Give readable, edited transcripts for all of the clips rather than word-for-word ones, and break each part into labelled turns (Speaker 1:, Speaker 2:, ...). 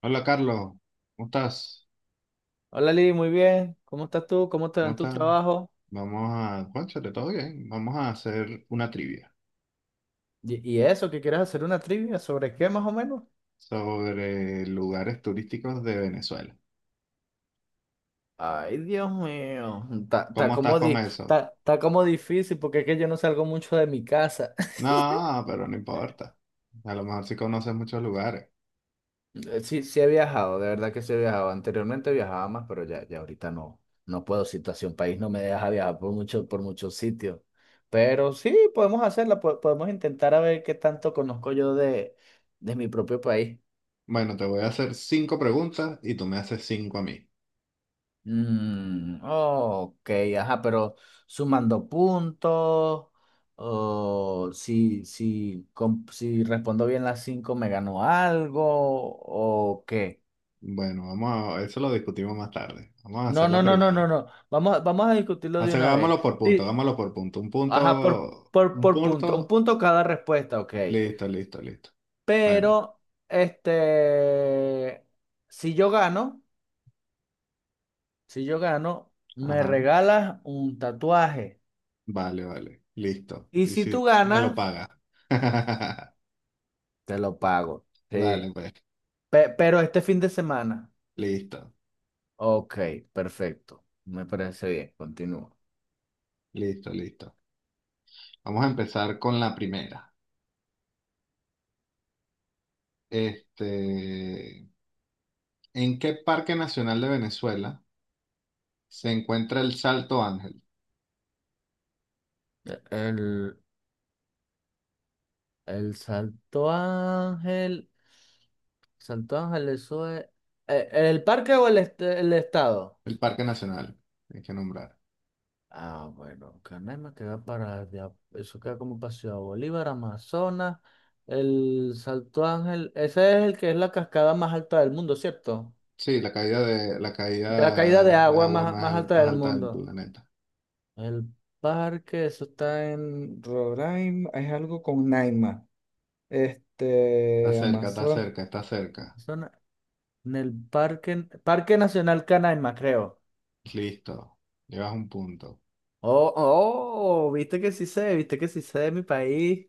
Speaker 1: Hola Carlos, ¿cómo estás?
Speaker 2: Hola Lili, muy bien. ¿Cómo estás tú? ¿Cómo te va
Speaker 1: ¿Cómo
Speaker 2: en tu
Speaker 1: estás?
Speaker 2: trabajo?
Speaker 1: Vamos a, cónchale, todo bien. Vamos a hacer una trivia
Speaker 2: ¿Y eso? ¿Que quieres hacer una trivia? ¿Sobre qué más o menos?
Speaker 1: sobre lugares turísticos de Venezuela.
Speaker 2: Ay, Dios mío. Está, está
Speaker 1: ¿Cómo estás
Speaker 2: como,
Speaker 1: con
Speaker 2: di-
Speaker 1: eso?
Speaker 2: está, está como difícil porque es que yo no salgo mucho de mi casa.
Speaker 1: No, pero no importa. A lo mejor sí conoces muchos lugares.
Speaker 2: Sí, sí he viajado, de verdad que sí he viajado. Anteriormente viajaba más, pero ya ahorita no, no puedo. Situación país no me deja viajar por muchos sitios. Pero sí, podemos hacerla, podemos intentar a ver qué tanto conozco yo de mi propio país.
Speaker 1: Bueno, te voy a hacer cinco preguntas y tú me haces cinco a mí.
Speaker 2: Mm, ok, ajá, pero sumando puntos, o si respondo bien las cinco, me ganó algo, o qué.
Speaker 1: Bueno, vamos a, eso lo discutimos más tarde. Vamos a
Speaker 2: No,
Speaker 1: hacer la
Speaker 2: no, no, no, no,
Speaker 1: primera.
Speaker 2: no. Vamos a discutirlo de
Speaker 1: Hace-
Speaker 2: una vez.
Speaker 1: vámonos por punto,
Speaker 2: Sí.
Speaker 1: vámonos por punto. Un
Speaker 2: Ajá, por,
Speaker 1: punto,
Speaker 2: por,
Speaker 1: un
Speaker 2: por punto, un
Speaker 1: punto.
Speaker 2: punto cada respuesta, ok.
Speaker 1: Listo, listo, listo. Bueno,
Speaker 2: Pero, este, si yo gano, si yo gano, me
Speaker 1: ajá.
Speaker 2: regalas un tatuaje.
Speaker 1: Vale, vale. Listo.
Speaker 2: Y
Speaker 1: Y
Speaker 2: si tú
Speaker 1: si me lo
Speaker 2: ganas.
Speaker 1: paga.
Speaker 2: Te lo pago.
Speaker 1: Dale,
Speaker 2: Sí.
Speaker 1: pues.
Speaker 2: Pero este fin de semana.
Speaker 1: Listo,
Speaker 2: Ok, perfecto. Me parece bien. Continúa.
Speaker 1: listo, listo. Vamos a empezar con la primera. Este, ¿En qué parque nacional de Venezuela se encuentra el Salto Ángel?
Speaker 2: E- El, el Salto Ángel. Salto Ángel, eso es. ¿El parque o el estado?
Speaker 1: El parque nacional, hay que nombrar.
Speaker 2: Ah, bueno, Canaima queda para allá. Eso queda como para Ciudad Bolívar, Amazonas. El Salto Ángel. Ese es el que es la cascada más alta del mundo, ¿cierto?
Speaker 1: Sí, la
Speaker 2: De la caída
Speaker 1: caída
Speaker 2: de
Speaker 1: de
Speaker 2: agua
Speaker 1: agua
Speaker 2: más,
Speaker 1: más,
Speaker 2: más
Speaker 1: al-
Speaker 2: alta
Speaker 1: más
Speaker 2: del
Speaker 1: alta del
Speaker 2: mundo.
Speaker 1: planeta.
Speaker 2: El parque, eso está en Roraima, es algo con Naima.
Speaker 1: Está
Speaker 2: Este,
Speaker 1: cerca, está
Speaker 2: Amazon,
Speaker 1: cerca, está cerca.
Speaker 2: Amazonas, en el parque, Parque Nacional Canaima, creo.
Speaker 1: Listo. Llevas un punto.
Speaker 2: Oh, oh, viste que sí sé, viste que sí sé de mi país.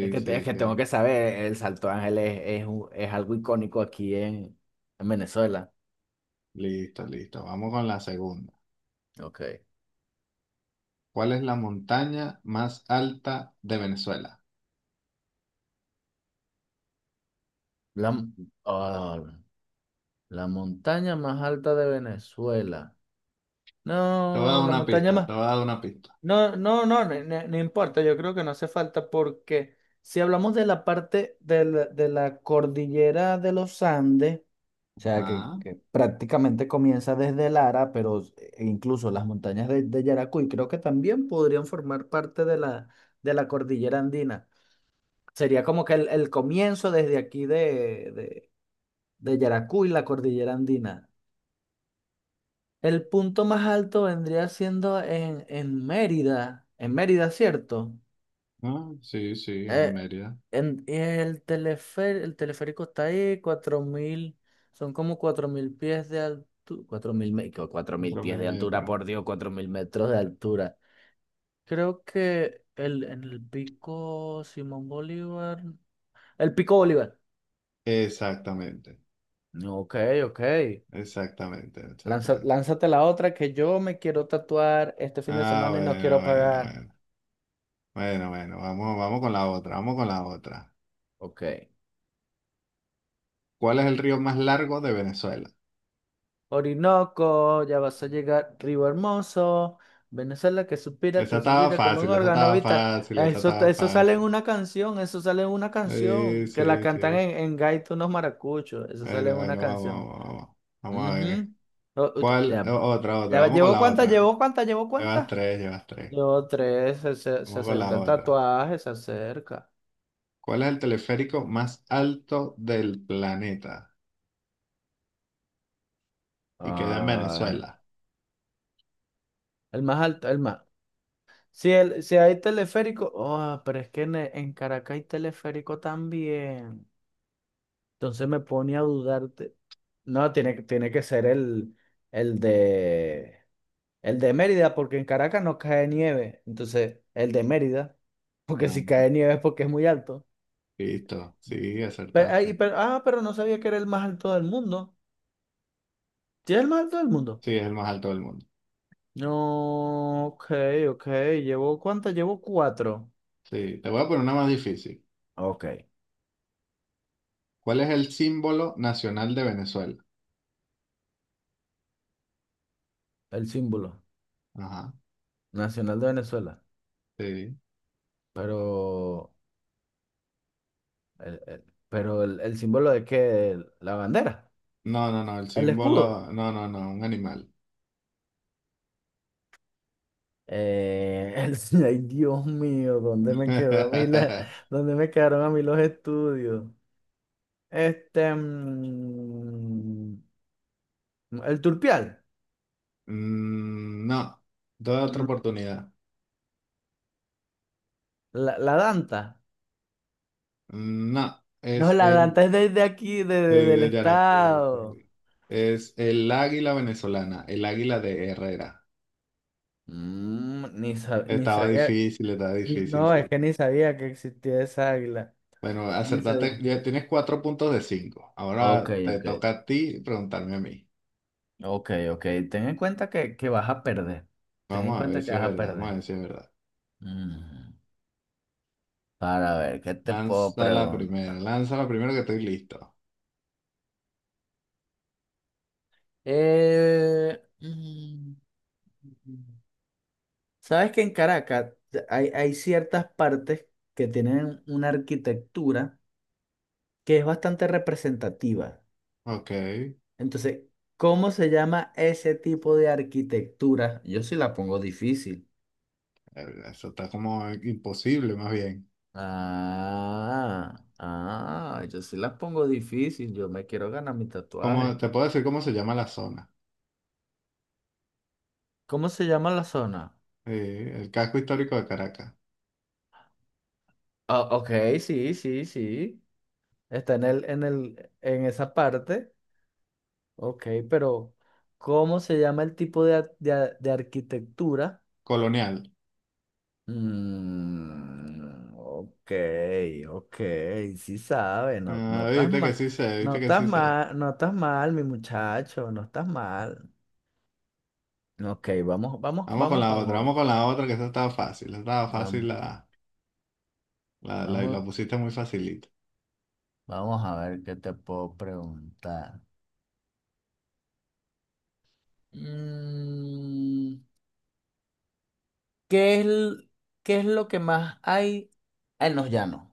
Speaker 2: Es que, es
Speaker 1: sí,
Speaker 2: que tengo
Speaker 1: sí.
Speaker 2: que saber, el Salto Ángel es algo icónico aquí en Venezuela.
Speaker 1: Listo, listo. Vamos con la segunda.
Speaker 2: Ok.
Speaker 1: ¿Cuál es la montaña más alta de Venezuela?
Speaker 2: La, m- ah, la montaña más alta de Venezuela.
Speaker 1: Te voy a dar
Speaker 2: No, la
Speaker 1: una
Speaker 2: montaña
Speaker 1: pista,
Speaker 2: más.
Speaker 1: te voy a dar una pista.
Speaker 2: No, no, no, no, no importa, yo creo que no hace falta porque si hablamos de la parte de la cordillera de los Andes, o sea, que,
Speaker 1: Ajá.
Speaker 2: que prácticamente comienza desde Lara, pero e incluso las montañas de Yaracuy creo que también podrían formar parte de la cordillera andina. Sería como que el comienzo desde aquí de Yaracuy, la cordillera andina. El punto más alto vendría siendo en Mérida, en Mérida, ¿cierto?
Speaker 1: Ah, sí, sí, es en
Speaker 2: Eh,
Speaker 1: Mérida.
Speaker 2: y el el teleférico está ahí, 4.000 son como 4.000 pies de altura, que 4.000
Speaker 1: Cuatro mil
Speaker 2: pies de altura,
Speaker 1: metros.
Speaker 2: por Dios, 4.000 metros de altura. Creo que en el pico Simón Bolívar, el pico Bolívar.
Speaker 1: Exactamente,
Speaker 2: Ok, ok.
Speaker 1: exactamente, exactamente.
Speaker 2: Lánzate la otra que yo me quiero tatuar este fin de
Speaker 1: Ah,
Speaker 2: semana y no
Speaker 1: bueno,
Speaker 2: quiero
Speaker 1: bueno,
Speaker 2: pagar.
Speaker 1: bueno. Bueno, bueno, vamos, vamos con la otra, vamos con la otra.
Speaker 2: Ok.
Speaker 1: ¿Cuál es el río más largo de Venezuela?
Speaker 2: Orinoco, ya vas a llegar, Río Hermoso, Venezuela
Speaker 1: Esa
Speaker 2: que
Speaker 1: estaba
Speaker 2: suspira como un
Speaker 1: fácil, esa
Speaker 2: órgano,
Speaker 1: estaba
Speaker 2: ¿viste?
Speaker 1: fácil, esa
Speaker 2: Eso,
Speaker 1: estaba
Speaker 2: eso sale en
Speaker 1: fácil.
Speaker 2: una canción, eso sale en una
Speaker 1: Sí,
Speaker 2: canción, que la
Speaker 1: sí,
Speaker 2: cantan
Speaker 1: sí.
Speaker 2: en gaita unos maracuchos, eso sale
Speaker 1: Bueno,
Speaker 2: en una
Speaker 1: bueno, vamos,
Speaker 2: canción.
Speaker 1: vamos, vamos. Vamos a ver.
Speaker 2: Ujú.
Speaker 1: ¿Cuál?
Speaker 2: Ya,
Speaker 1: Otra, otra,
Speaker 2: ya,
Speaker 1: vamos con
Speaker 2: ¿llevó
Speaker 1: la
Speaker 2: cuántas?
Speaker 1: otra.
Speaker 2: ¿Llevó cuántas? ¿Llevó
Speaker 1: Llevas
Speaker 2: cuántas?
Speaker 1: tres, llevas tres.
Speaker 2: Llevó tres, se
Speaker 1: Vamos con
Speaker 2: acerca
Speaker 1: la
Speaker 2: el
Speaker 1: otra.
Speaker 2: tatuaje, se acerca.
Speaker 1: ¿Cuál es el teleférico más alto del planeta? Y queda en
Speaker 2: Ah,
Speaker 1: Venezuela.
Speaker 2: el más alto, el más. Si hay teleférico, oh, pero es que en Caracas hay teleférico también. Entonces me pone a dudarte. No, tiene que ser el, el de, el de Mérida, porque en Caracas no cae nieve. Entonces, el de Mérida, porque si
Speaker 1: Ah,
Speaker 2: cae nieve es porque es muy alto.
Speaker 1: listo, sí,
Speaker 2: Pero, ay,
Speaker 1: acertaste.
Speaker 2: pero no sabía que era el más alto del mundo. ¿Sí es el más alto del mundo?
Speaker 1: Sí, es el más alto del mundo.
Speaker 2: No, ok, ok. ¿Llevo cuántas? Llevo cuatro.
Speaker 1: Sí, te voy a poner una más difícil.
Speaker 2: Ok,
Speaker 1: ¿Cuál es el símbolo nacional de Venezuela?
Speaker 2: el símbolo
Speaker 1: Ajá,
Speaker 2: nacional de Venezuela.
Speaker 1: sí.
Speaker 2: Pero, el, el- pero el símbolo de qué, la bandera,
Speaker 1: No, no, no, el
Speaker 2: el escudo.
Speaker 1: símbolo, no, no, no, un animal.
Speaker 2: Eh, el- ay, Dios mío, ¿dónde me quedó a mí dónde me quedaron a mí los estudios? Este, mm, el turpial,
Speaker 1: No, doy otra
Speaker 2: mm,
Speaker 1: oportunidad.
Speaker 2: la danta.
Speaker 1: No,
Speaker 2: No,
Speaker 1: es
Speaker 2: la
Speaker 1: el...
Speaker 2: danta es desde aquí, de,
Speaker 1: Sí,
Speaker 2: de- del
Speaker 1: de Yaracuy,
Speaker 2: estado.
Speaker 1: sí. Es el águila venezolana, el águila de Herrera.
Speaker 2: Ni sabía,
Speaker 1: Estaba difícil,
Speaker 2: no, es
Speaker 1: sí.
Speaker 2: que ni sabía que existía esa águila.
Speaker 1: Bueno,
Speaker 2: Ni
Speaker 1: acertaste,
Speaker 2: sabía.
Speaker 1: ya tienes cuatro puntos de cinco.
Speaker 2: Ok,
Speaker 1: Ahora te
Speaker 2: ok.
Speaker 1: toca a ti preguntarme a mí.
Speaker 2: Ok, ok. Ten en cuenta que vas a perder. Ten en
Speaker 1: Vamos a ver
Speaker 2: cuenta que
Speaker 1: si es
Speaker 2: vas a
Speaker 1: verdad, vamos a
Speaker 2: perder.
Speaker 1: ver si es verdad.
Speaker 2: Mm, Para ver, ¿qué te puedo preguntar?
Speaker 1: Lanza la primera que estoy listo.
Speaker 2: Eh, mm, sabes que en Caracas hay ciertas partes que tienen una arquitectura que es bastante representativa.
Speaker 1: Ok,
Speaker 2: Entonces, ¿cómo se llama ese tipo de arquitectura? Yo sí la pongo difícil.
Speaker 1: eso está como imposible más bien.
Speaker 2: Ah, ah, yo sí las pongo difícil, yo me quiero ganar mi
Speaker 1: ¿Cómo,
Speaker 2: tatuaje.
Speaker 1: te puedo decir cómo se llama la zona?
Speaker 2: ¿Cómo se llama la zona?
Speaker 1: Sí, el casco histórico de Caracas,
Speaker 2: Ah, ok, sí, sí, sí. Está en esa parte. Ok, pero ¿cómo se llama el tipo de arquitectura?
Speaker 1: colonial.
Speaker 2: Mm, ok, ok, sí sabe, no, no
Speaker 1: Ah,
Speaker 2: estás
Speaker 1: viste que
Speaker 2: mal,
Speaker 1: sí sé,
Speaker 2: no
Speaker 1: viste que
Speaker 2: estás
Speaker 1: sí sé.
Speaker 2: mal, no estás mal, mi muchacho, no estás mal. Ok, vamos, vamos,
Speaker 1: Vamos con
Speaker 2: vamos
Speaker 1: la
Speaker 2: con
Speaker 1: otra,
Speaker 2: otro.
Speaker 1: vamos con la otra, que esta estaba fácil,
Speaker 2: Vam-
Speaker 1: la
Speaker 2: Vamos,
Speaker 1: pusiste muy facilita.
Speaker 2: vamos a ver qué te puedo preguntar. Mm, ¿qué es, l- qué es lo que más hay en los llanos?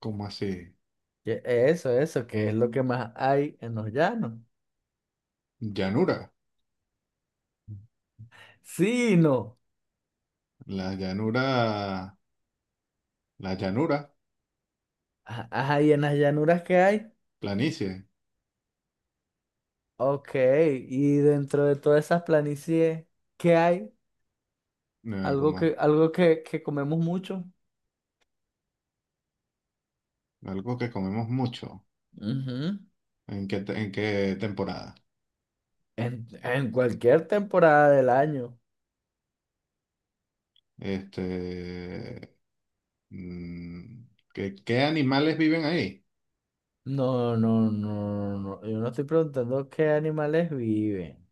Speaker 1: ¿Cómo así?
Speaker 2: Eso, eso, ¿qué es lo que más hay en los llanos?
Speaker 1: Llanura,
Speaker 2: Sí, no.
Speaker 1: la llanura, la llanura,
Speaker 2: Ah, Ajá, ¿y en las llanuras qué hay?
Speaker 1: planicie,
Speaker 2: Ok, y dentro de todas esas planicies, ¿qué hay? Algo
Speaker 1: como
Speaker 2: que, algo que, que comemos mucho.
Speaker 1: algo que comemos mucho.
Speaker 2: Ujú.
Speaker 1: ¿En qué, te- en qué temporada?
Speaker 2: En cualquier temporada del año.
Speaker 1: Este, mm, ¿qué animales viven ahí?
Speaker 2: No, no, no, no, no. Yo no estoy preguntando qué animales viven.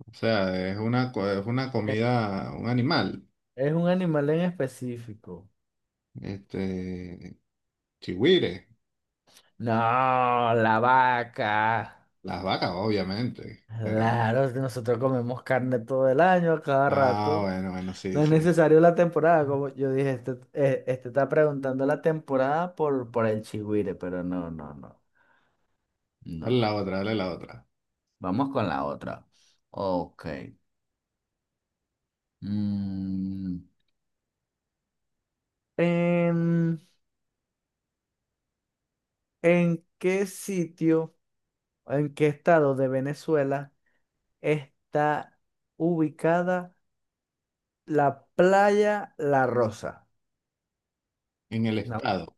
Speaker 1: O sea, es una
Speaker 2: Es,
Speaker 1: comida, un animal.
Speaker 2: es un animal en específico.
Speaker 1: Este, chigüire,
Speaker 2: No, la vaca.
Speaker 1: las vacas, obviamente, pero...
Speaker 2: Claro, es que nosotros comemos carne todo el año, a cada
Speaker 1: Ah,
Speaker 2: rato.
Speaker 1: bueno, bueno, sí,
Speaker 2: No es
Speaker 1: sí.
Speaker 2: necesario la temporada, como yo dije, este está preguntando la temporada por el chigüire, pero no, no, no,
Speaker 1: Dale
Speaker 2: no.
Speaker 1: la otra, dale la otra.
Speaker 2: Vamos con la otra. Ok. Mm, ¿en en qué sitio? ¿En qué estado de Venezuela está ubicada la playa La Rosa?
Speaker 1: En el
Speaker 2: No.
Speaker 1: estado.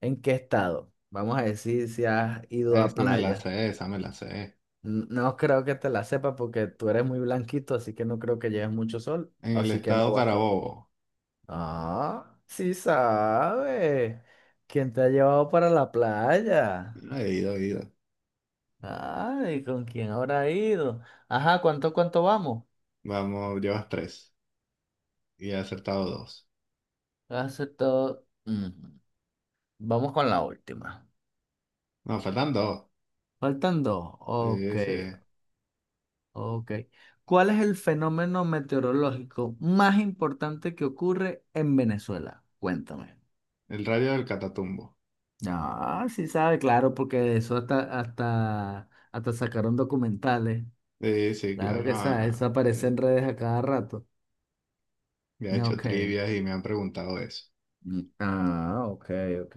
Speaker 2: ¿En qué estado? Vamos a decir si has ido a
Speaker 1: Esa me la
Speaker 2: playa.
Speaker 1: sé, esa me la sé.
Speaker 2: No creo que te la sepa porque tú eres muy blanquito, así que no creo que lleves mucho sol,
Speaker 1: En el
Speaker 2: así que no
Speaker 1: estado
Speaker 2: vas para.
Speaker 1: Carabobo.
Speaker 2: Ah, sí sabe. ¿Quién te ha llevado para la playa?
Speaker 1: Ah, he ido, he ido.
Speaker 2: Ay, ¿con quién habrá ido? Ajá, ¿cuánto vamos?
Speaker 1: Vamos, llevas tres. Y he acertado dos.
Speaker 2: Hace todo. Vamos con la última.
Speaker 1: No, faltan dos.
Speaker 2: Faltan dos. Ok,
Speaker 1: Sí, sí.
Speaker 2: ok. ¿Cuál es el fenómeno meteorológico más importante que ocurre en Venezuela? Cuéntame.
Speaker 1: El rayo del Catatumbo.
Speaker 2: Ah, sí sabe, claro, porque de eso hasta sacaron documentales.
Speaker 1: Sí, sí,
Speaker 2: Claro
Speaker 1: claro.
Speaker 2: que
Speaker 1: No,
Speaker 2: sabe,
Speaker 1: no.
Speaker 2: eso aparece en redes a cada rato.
Speaker 1: Ya he hecho
Speaker 2: Ok.
Speaker 1: trivias y me han preguntado eso.
Speaker 2: Mm, ah, ok, ok.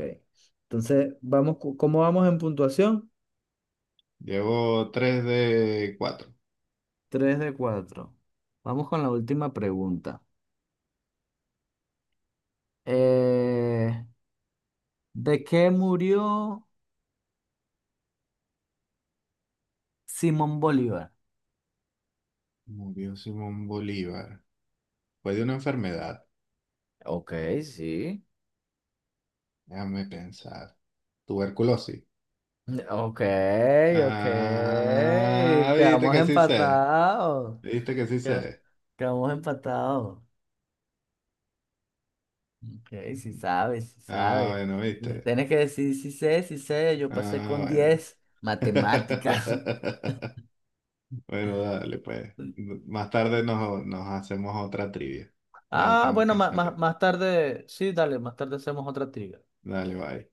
Speaker 2: Entonces, vamos, ¿cómo vamos en puntuación?
Speaker 1: Llevo tres de cuatro.
Speaker 2: Tres de cuatro. Vamos con la última pregunta. Eh, ¿De qué murió Simón Bolívar?
Speaker 1: Murió Simón Bolívar. Fue de una enfermedad.
Speaker 2: Ok, sí.
Speaker 1: Déjame pensar. Tuberculosis.
Speaker 2: Ok, ok.
Speaker 1: Ah, viste
Speaker 2: Quedamos
Speaker 1: que sí sé.
Speaker 2: empatados.
Speaker 1: Viste que sí
Speaker 2: Qued-
Speaker 1: sé.
Speaker 2: Quedamos empatados. Ok, sí sabes, sí
Speaker 1: Ah,
Speaker 2: sabes.
Speaker 1: bueno, viste.
Speaker 2: Tienes que decir si sé, si sé. Yo pasé
Speaker 1: Ah,
Speaker 2: con
Speaker 1: bueno.
Speaker 2: 10 matemáticas.
Speaker 1: Bueno, dale, pues. Más tarde nos hacemos otra trivia. Ya
Speaker 2: Ah,
Speaker 1: tengo
Speaker 2: bueno,
Speaker 1: que
Speaker 2: más
Speaker 1: salir.
Speaker 2: tarde, sí, dale, más tarde hacemos otra trivia.
Speaker 1: Dale, bye.